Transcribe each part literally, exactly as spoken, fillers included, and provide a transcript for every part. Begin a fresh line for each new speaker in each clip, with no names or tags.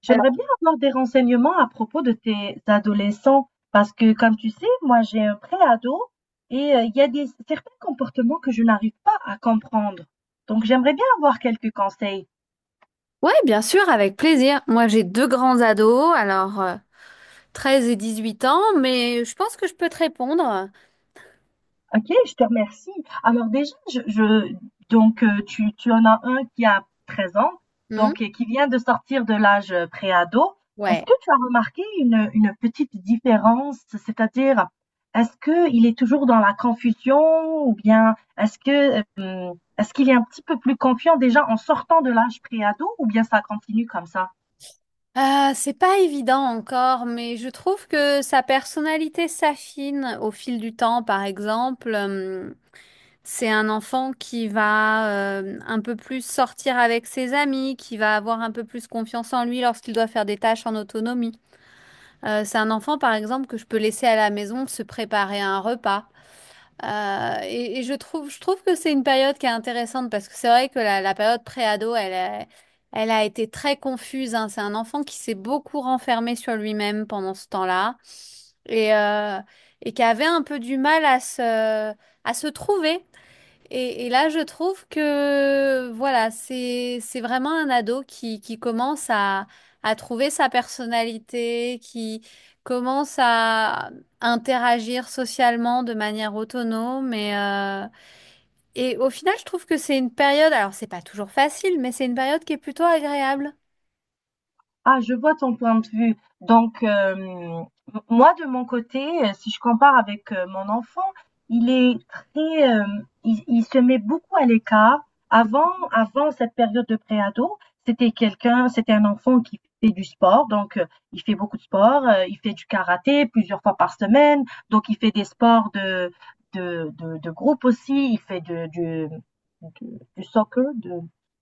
J'aimerais bien avoir des renseignements à propos de tes adolescents parce que, comme tu sais, moi j'ai un pré-ado et euh, il y a des, certains comportements que je n'arrive pas à comprendre. Donc j'aimerais bien avoir quelques conseils.
Ouais, bien sûr, avec plaisir. Moi, j'ai deux grands ados, alors euh, treize et dix-huit ans, mais je pense que je peux te répondre.
Ok, je te remercie. Alors déjà, je, je- donc euh, tu, tu en as un qui a treize ans,
Hmm.
donc euh, qui vient de sortir de l'âge euh, préado. Est-ce
Ouais.
que tu as remarqué une, une petite différence, c'est-à-dire est-ce que il est toujours dans la confusion ou bien est-ce que euh, est-ce qu'il est un petit peu plus confiant déjà en sortant de l'âge préado, ou bien ça continue comme ça?
Euh, c'est pas évident encore, mais je trouve que sa personnalité s'affine au fil du temps, par exemple. Hum, c'est un enfant qui va euh, un peu plus sortir avec ses amis, qui va avoir un peu plus confiance en lui lorsqu'il doit faire des tâches en autonomie. Euh, c'est un enfant, par exemple, que je peux laisser à la maison se préparer un repas. Euh, et, et je trouve, je trouve que c'est une période qui est intéressante parce que c'est vrai que la, la période pré-ado, elle a, elle a été très confuse, hein. C'est un enfant qui s'est beaucoup renfermé sur lui-même pendant ce temps-là et, euh, et qui avait un peu du mal à se, à se trouver. Et, et là, je trouve que voilà, c'est c'est vraiment un ado qui, qui commence à, à trouver sa personnalité, qui commence à interagir socialement de manière autonome. Et, euh, et au final, je trouve que c'est une période, alors c'est pas toujours facile, mais c'est une période qui est plutôt agréable.
Ah, je vois ton point de vue. Donc, euh, m- moi, de mon côté, euh, si je compare avec euh, mon enfant, il est très, euh, il, il se met beaucoup à l'écart. Avant, avant cette période de préado, c'était quelqu'un, c'était un enfant qui fait du sport. Donc, euh, il fait beaucoup de sport. Euh, il fait du karaté plusieurs fois par semaine. Donc, il fait des sports de, de, de, de groupe aussi. Il fait de, du, du, du soccer, de,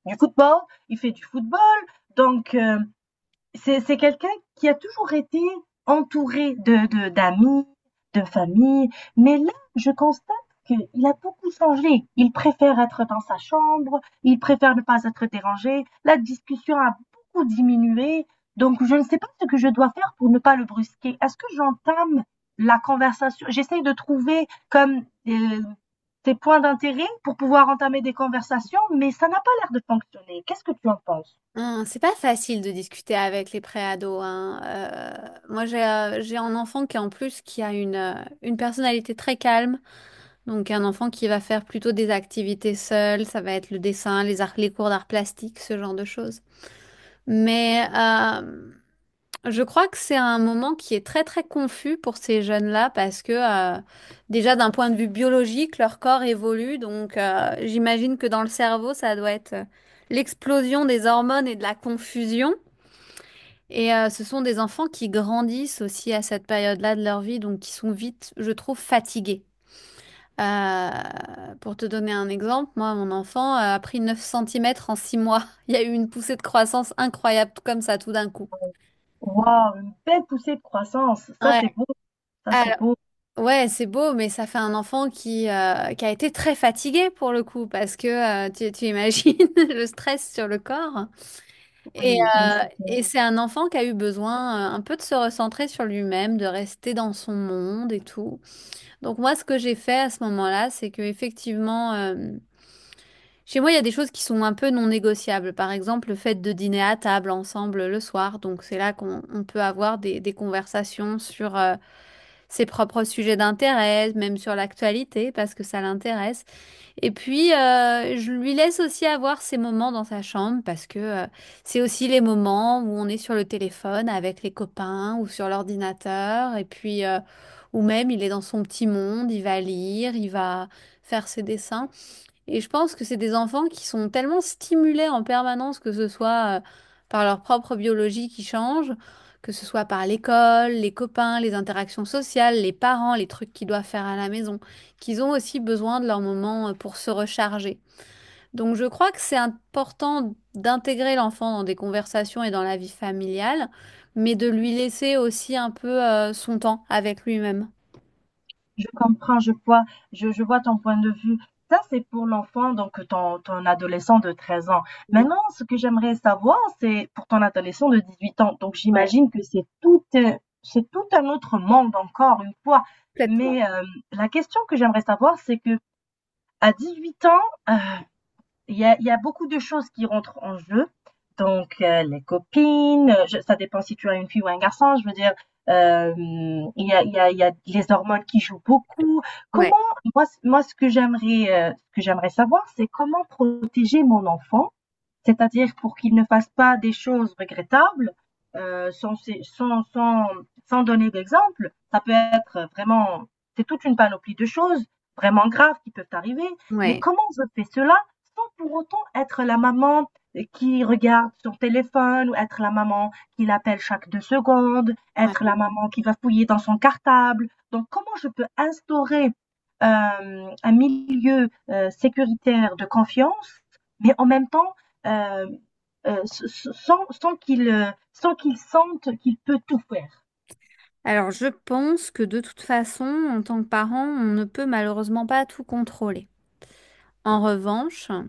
du football. Il fait du football. Donc, euh, c'est c'est quelqu'un qui a toujours été entouré de de d'amis, de famille, mais là, je constate qu'il a beaucoup changé. Il préfère être dans sa chambre, il préfère ne pas être dérangé. La discussion a beaucoup diminué, donc je ne sais pas ce que je dois faire pour ne pas le brusquer. Est-ce que j'entame la conversation? J'essaie de trouver comme, heu, ses points d'intérêt pour pouvoir entamer des conversations, mais ça n'a pas l'air de fonctionner. Qu'est-ce que tu en penses?
Hum, c'est pas facile de discuter avec les préados, hein. Euh, moi, j'ai euh, j'ai un enfant qui en plus qui a une, euh, une personnalité très calme. Donc un enfant qui va faire plutôt des activités seul, ça va être le dessin, les arts, les cours d'art plastique, ce genre de choses. Mais euh, je crois que c'est un moment qui est très très confus pour ces jeunes-là parce que euh, déjà d'un point de vue biologique, leur corps évolue. Donc euh, j'imagine que dans le cerveau, ça doit être euh, l'explosion des hormones et de la confusion. Et euh, ce sont des enfants qui grandissent aussi à cette période-là de leur vie, donc qui sont vite, je trouve, fatigués. Euh, pour te donner un exemple, moi, mon enfant a pris neuf centimètres en six mois. Il y a eu une poussée de croissance incroyable, tout comme ça, tout d'un coup.
Wow, une belle poussée de croissance. Ça,
Ouais,
c'est beau. Ça, c'est
alors,
beau.
ouais, c'est beau, mais ça fait un enfant qui, euh, qui a été très fatigué pour le coup, parce que euh, tu, tu imagines le stress sur le corps. Et,
Oui, oui,
euh,
c'est clair.
et c'est un enfant qui a eu besoin euh, un peu de se recentrer sur lui-même, de rester dans son monde et tout. Donc moi, ce que j'ai fait à ce moment-là, c'est que effectivement, euh, chez moi, il y a des choses qui sont un peu non négociables. Par exemple, le fait de dîner à table ensemble le soir. Donc, c'est là qu'on on peut avoir des, des conversations sur euh, ses propres sujets d'intérêt, même sur l'actualité, parce que ça l'intéresse. Et puis, euh, je lui laisse aussi avoir ses moments dans sa chambre, parce que euh, c'est aussi les moments où on est sur le téléphone avec les copains ou sur l'ordinateur. Et puis, euh, ou même, il est dans son petit monde, il va lire, il va faire ses dessins. Et je pense que c'est des enfants qui sont tellement stimulés en permanence, que ce soit euh, par leur propre biologie qui change, que ce soit par l'école, les copains, les interactions sociales, les parents, les trucs qu'ils doivent faire à la maison, qu'ils ont aussi besoin de leur moment euh, pour se recharger. Donc je crois que c'est important d'intégrer l'enfant dans des conversations et dans la vie familiale, mais de lui laisser aussi un peu euh, son temps avec lui-même.
Je comprends, je vois, je, je vois ton point de vue. Ça, c'est pour l'enfant, donc ton, ton adolescent de treize ans.
Oui.
Maintenant, ce que j'aimerais savoir, c'est pour ton adolescent de dix-huit ans. Donc,
Ouais.
j'imagine que c'est tout, euh, c'est tout un autre monde encore une fois.
Complètement.
Mais euh, la question que j'aimerais savoir, c'est que à dix-huit ans, euh, il y a, il y a beaucoup de choses qui rentrent en jeu. Donc, euh, les copines, euh, je- ça dépend si tu as une fille ou un garçon, je veux dire, euh, il y a, il y a, il y a les hormones qui jouent beaucoup.
Ouais,
Comment, moi, c- moi ce que j'aimerais, euh, ce que j'aimerais savoir, c'est comment protéger mon enfant, c'est-à-dire pour qu'ils ne fassent pas des choses regrettables, euh, sans, sans, sans, sans donner d'exemple. Ça peut être vraiment, c'est toute une panoplie de choses vraiment graves qui peuvent arriver. Mais
ouais.
comment je fais cela sans pour autant être la maman qui regarde son téléphone ou être la maman qui l'appelle chaque deux secondes,
Ouais.
être la maman qui va fouiller dans son cartable. Donc comment je peux instaurer euh, un milieu euh, sécuritaire de confiance, mais en même temps euh, euh, sans, sans qu'il euh, sans qu'il sente qu'il peut tout faire.
Alors, je pense que de toute façon, en tant que parent, on ne peut malheureusement pas tout contrôler. En revanche, euh,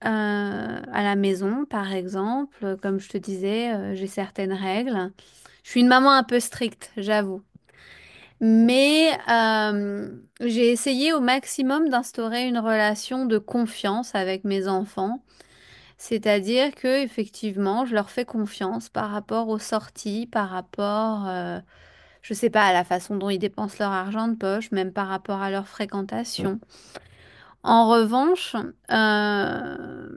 à la maison, par exemple, comme je te disais, euh, j'ai certaines règles. Je suis une maman un peu stricte, j'avoue. Mais euh, j'ai essayé au maximum d'instaurer une relation de confiance avec mes enfants. C'est-à-dire que, effectivement, je leur fais confiance par rapport aux sorties, par rapport... euh, je sais pas, la façon dont ils dépensent leur argent de poche, même par rapport à leur fréquentation. En revanche, euh,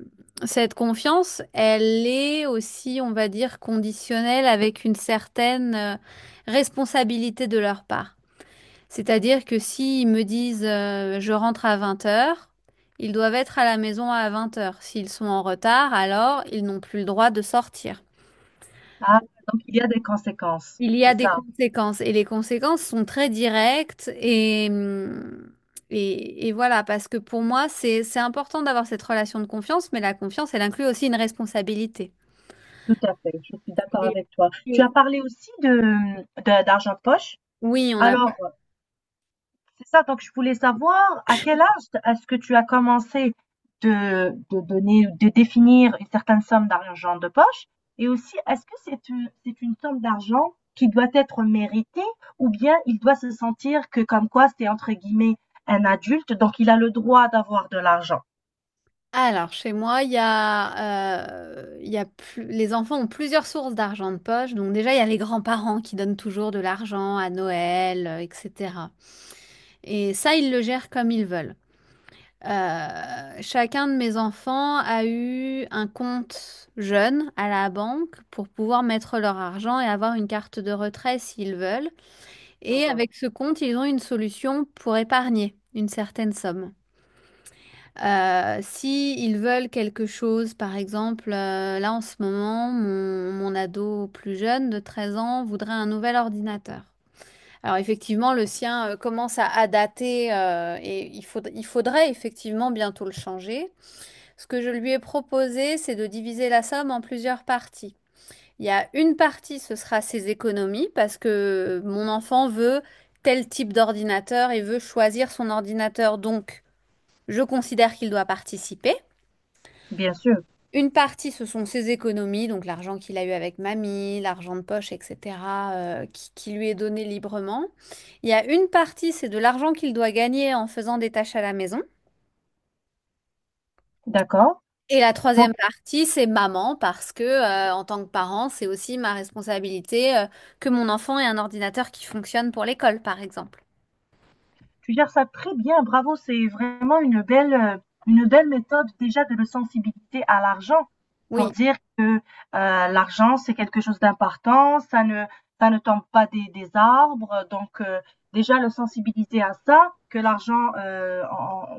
cette confiance, elle est aussi, on va dire, conditionnelle avec une certaine euh, responsabilité de leur part. C'est-à-dire que s'ils me disent euh, je rentre à vingt heures, ils doivent être à la maison à vingt heures. S'ils sont en retard, alors ils n'ont plus le droit de sortir.
Ah, donc il y a des conséquences.
Il y
C'est
a des
ça,
conséquences et les conséquences sont très directes et, hum, et, et voilà, parce que pour moi, c'est, c'est important d'avoir cette relation de confiance, mais la confiance, elle inclut aussi une responsabilité.
tout à fait. Je suis d'accord
Et-
avec toi. Tu as
et-
parlé aussi de, de- d'argent de poche.
Oui, on a...
Alors, c'est ça, donc je voulais savoir à quel âge est-ce que tu as commencé de, de donner, de définir une certaine somme d'argent de poche? Et aussi, est-ce que c'est une, c'est une somme d'argent qui doit être méritée ou bien il doit se sentir que comme quoi c'est entre guillemets un adulte, donc il a le droit d'avoir de l'argent?
Alors, chez moi, il y a, euh, il y a plus- les enfants ont plusieurs sources d'argent de poche. Donc déjà, il y a les grands-parents qui donnent toujours de l'argent à Noël, euh, et cetera. Et ça, ils le gèrent comme ils veulent. Euh, chacun de mes enfants a eu un compte jeune à la banque pour pouvoir mettre leur argent et avoir une carte de retrait s'ils veulent. Et
Mhm.
avec ce compte, ils ont une solution pour épargner une certaine somme. Euh, si ils veulent quelque chose, par exemple, euh, là en ce moment, mon, mon ado plus jeune de treize ans voudrait un nouvel ordinateur. Alors effectivement, le sien euh, commence à, à dater euh, et il faud- il faudrait effectivement bientôt le changer. Ce que je lui ai proposé, c'est de diviser la somme en plusieurs parties. Il y a une partie, ce sera ses économies, parce que mon enfant veut tel type d'ordinateur et veut choisir son ordinateur. Donc, je considère qu'il doit participer.
Bien sûr,
Une partie, ce sont ses économies, donc l'argent qu'il a eu avec mamie, l'argent de poche, et cetera, euh, qui, qui lui est donné librement. Il y a une partie, c'est de l'argent qu'il doit gagner en faisant des tâches à la maison.
d'accord.
Et la troisième
Donc
partie, c'est maman, parce que euh, en tant que parent, c'est aussi ma responsabilité euh, que mon enfant ait un ordinateur qui fonctionne pour l'école, par exemple.
tu gères ça très bien, bravo, c'est vraiment une belle, euh, une belle méthode déjà de le sensibiliser à l'argent pour
Oui,
dire que euh, l'argent c'est quelque chose d'important, ça ne, ça ne tombe pas des, des arbres, donc euh, déjà le sensibiliser à ça, que l'argent euh,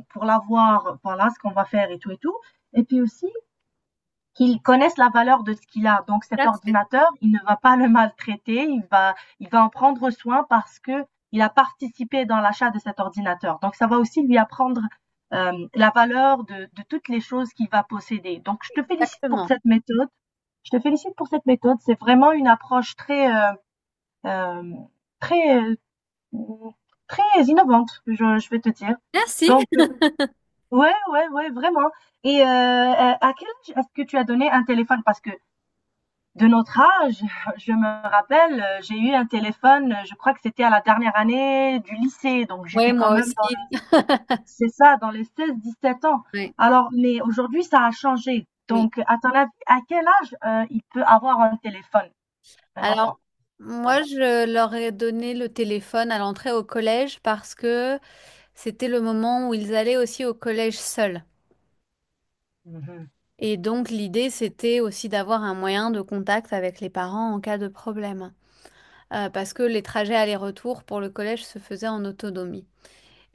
pour l'avoir, voilà ce qu'on va faire et tout et tout. Et puis aussi qu'ils connaissent la valeur de ce qu'il a. Donc
tout
cet
à fait.
ordinateur, il ne va pas le maltraiter, il va, il va en prendre soin parce que il a participé dans l'achat de cet ordinateur. Donc ça va aussi lui apprendre euh, la valeur de, de toutes les choses qu'il va posséder. Donc je te félicite pour
Exactement.
cette méthode. Je te félicite pour cette méthode. C'est vraiment une approche très, euh, euh, très, euh, très innovante, je, je vais te dire.
Merci.
Donc, euh, ouais, ouais, ouais, vraiment. Et euh, à quel âge est-ce que tu as donné un téléphone? Parce que de notre âge, je me rappelle, j'ai eu un téléphone, je crois que c'était à la dernière année du lycée, donc
Oui,
j'étais quand
moi
même dans le,
aussi.
c'est ça, dans les seize, dix-sept ans.
Oui,
Alors, mais aujourd'hui, ça a changé.
oui.
Donc, à ton avis, à quel âge, heu, il peut avoir un téléphone, un
Alors,
enfant, un
moi,
ado?
je leur ai donné le téléphone à l'entrée au collège parce que c'était le moment où ils allaient aussi au collège seuls.
Mmh mh.
Et donc, l'idée, c'était aussi d'avoir un moyen de contact avec les parents en cas de problème. Euh, parce que les trajets aller-retour pour le collège se faisaient en autonomie.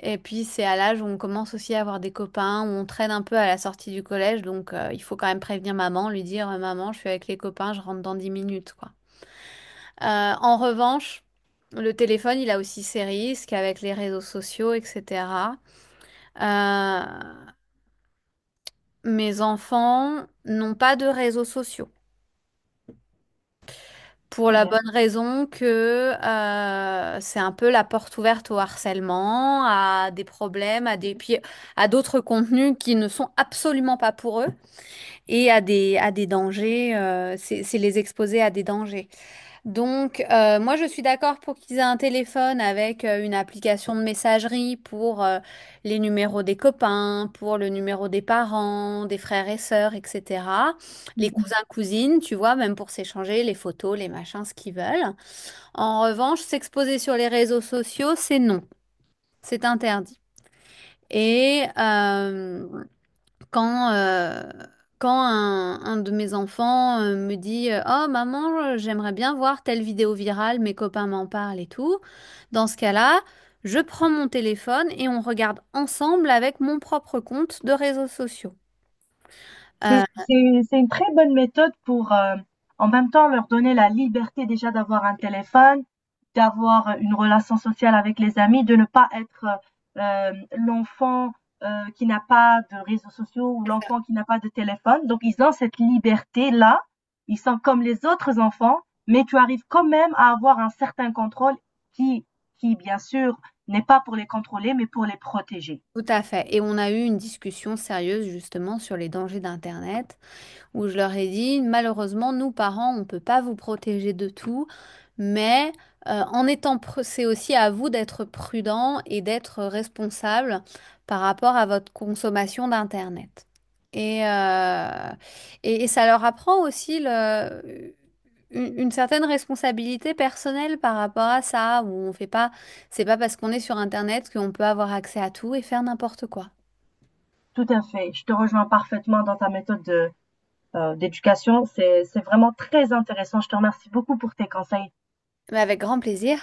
Et puis c'est à l'âge où on commence aussi à avoir des copains, où on traîne un peu à la sortie du collège, donc euh, il faut quand même prévenir maman, lui dire euh, «Maman, je suis avec les copains, je rentre dans dix minutes», quoi. Euh, en revanche, le téléphone, il a aussi ses risques avec les réseaux sociaux, et cetera. Euh, Mes enfants n'ont pas de réseaux sociaux. Pour la
Combien?
bonne raison que euh, c'est un peu la porte ouverte au harcèlement, à des problèmes, à des puis à d'autres contenus qui ne sont absolument pas pour eux et à des à des dangers. euh, c'est c'est les exposer à des dangers. Donc, euh, moi, je suis d'accord pour qu'ils aient un téléphone avec euh, une application de messagerie pour euh, les numéros des copains, pour le numéro des parents, des frères et sœurs, et cetera. Les cousins, cousines, tu vois, même pour s'échanger les photos, les machins, ce qu'ils veulent. En revanche, s'exposer sur les réseaux sociaux, c'est non, c'est interdit. Et euh, quand, euh, quand un, un de mes enfants euh, me dit euh, Oh maman, euh, j'aimerais bien voir telle vidéo virale, mes copains m'en parlent et tout. Dans ce cas-là, je prends mon téléphone et on regarde ensemble avec mon propre compte de réseaux sociaux.
C'est c'est c'est une très bonne méthode pour, heu, en même temps leur donner la liberté déjà d'avoir un téléphone, d'avoir une relation sociale avec les amis, de ne pas être, heu, hem, l'enfant, heu, qui n'a pas de réseaux sociaux ou
C'est ça.
l'enfant qui n'a pas de téléphone. Donc ils ont cette liberté-là, ils sont comme les autres enfants, mais tu arrives quand même à avoir un certain contrôle qui qui bien sûr n'est pas pour les contrôler, mais pour les protéger.
Tout à fait. Et on a eu une discussion sérieuse justement sur les dangers d'Internet où je leur ai dit, malheureusement, nous, parents, on ne peut pas vous protéger de tout, mais euh, en étant, pr- c'est aussi à vous d'être prudent et d'être responsable par rapport à votre consommation d'Internet. Et, euh, et, et ça leur apprend aussi le- une, une certaine responsabilité personnelle par rapport à ça, où on fait pas, c'est pas parce qu'on est sur Internet qu'on peut avoir accès à tout et faire n'importe quoi.
Tout à fait, je te rejoins parfaitement dans ta méthode de euh, d'éducation. C'est, c'est vraiment très intéressant. Je te remercie beaucoup pour tes conseils.
Mais avec grand plaisir.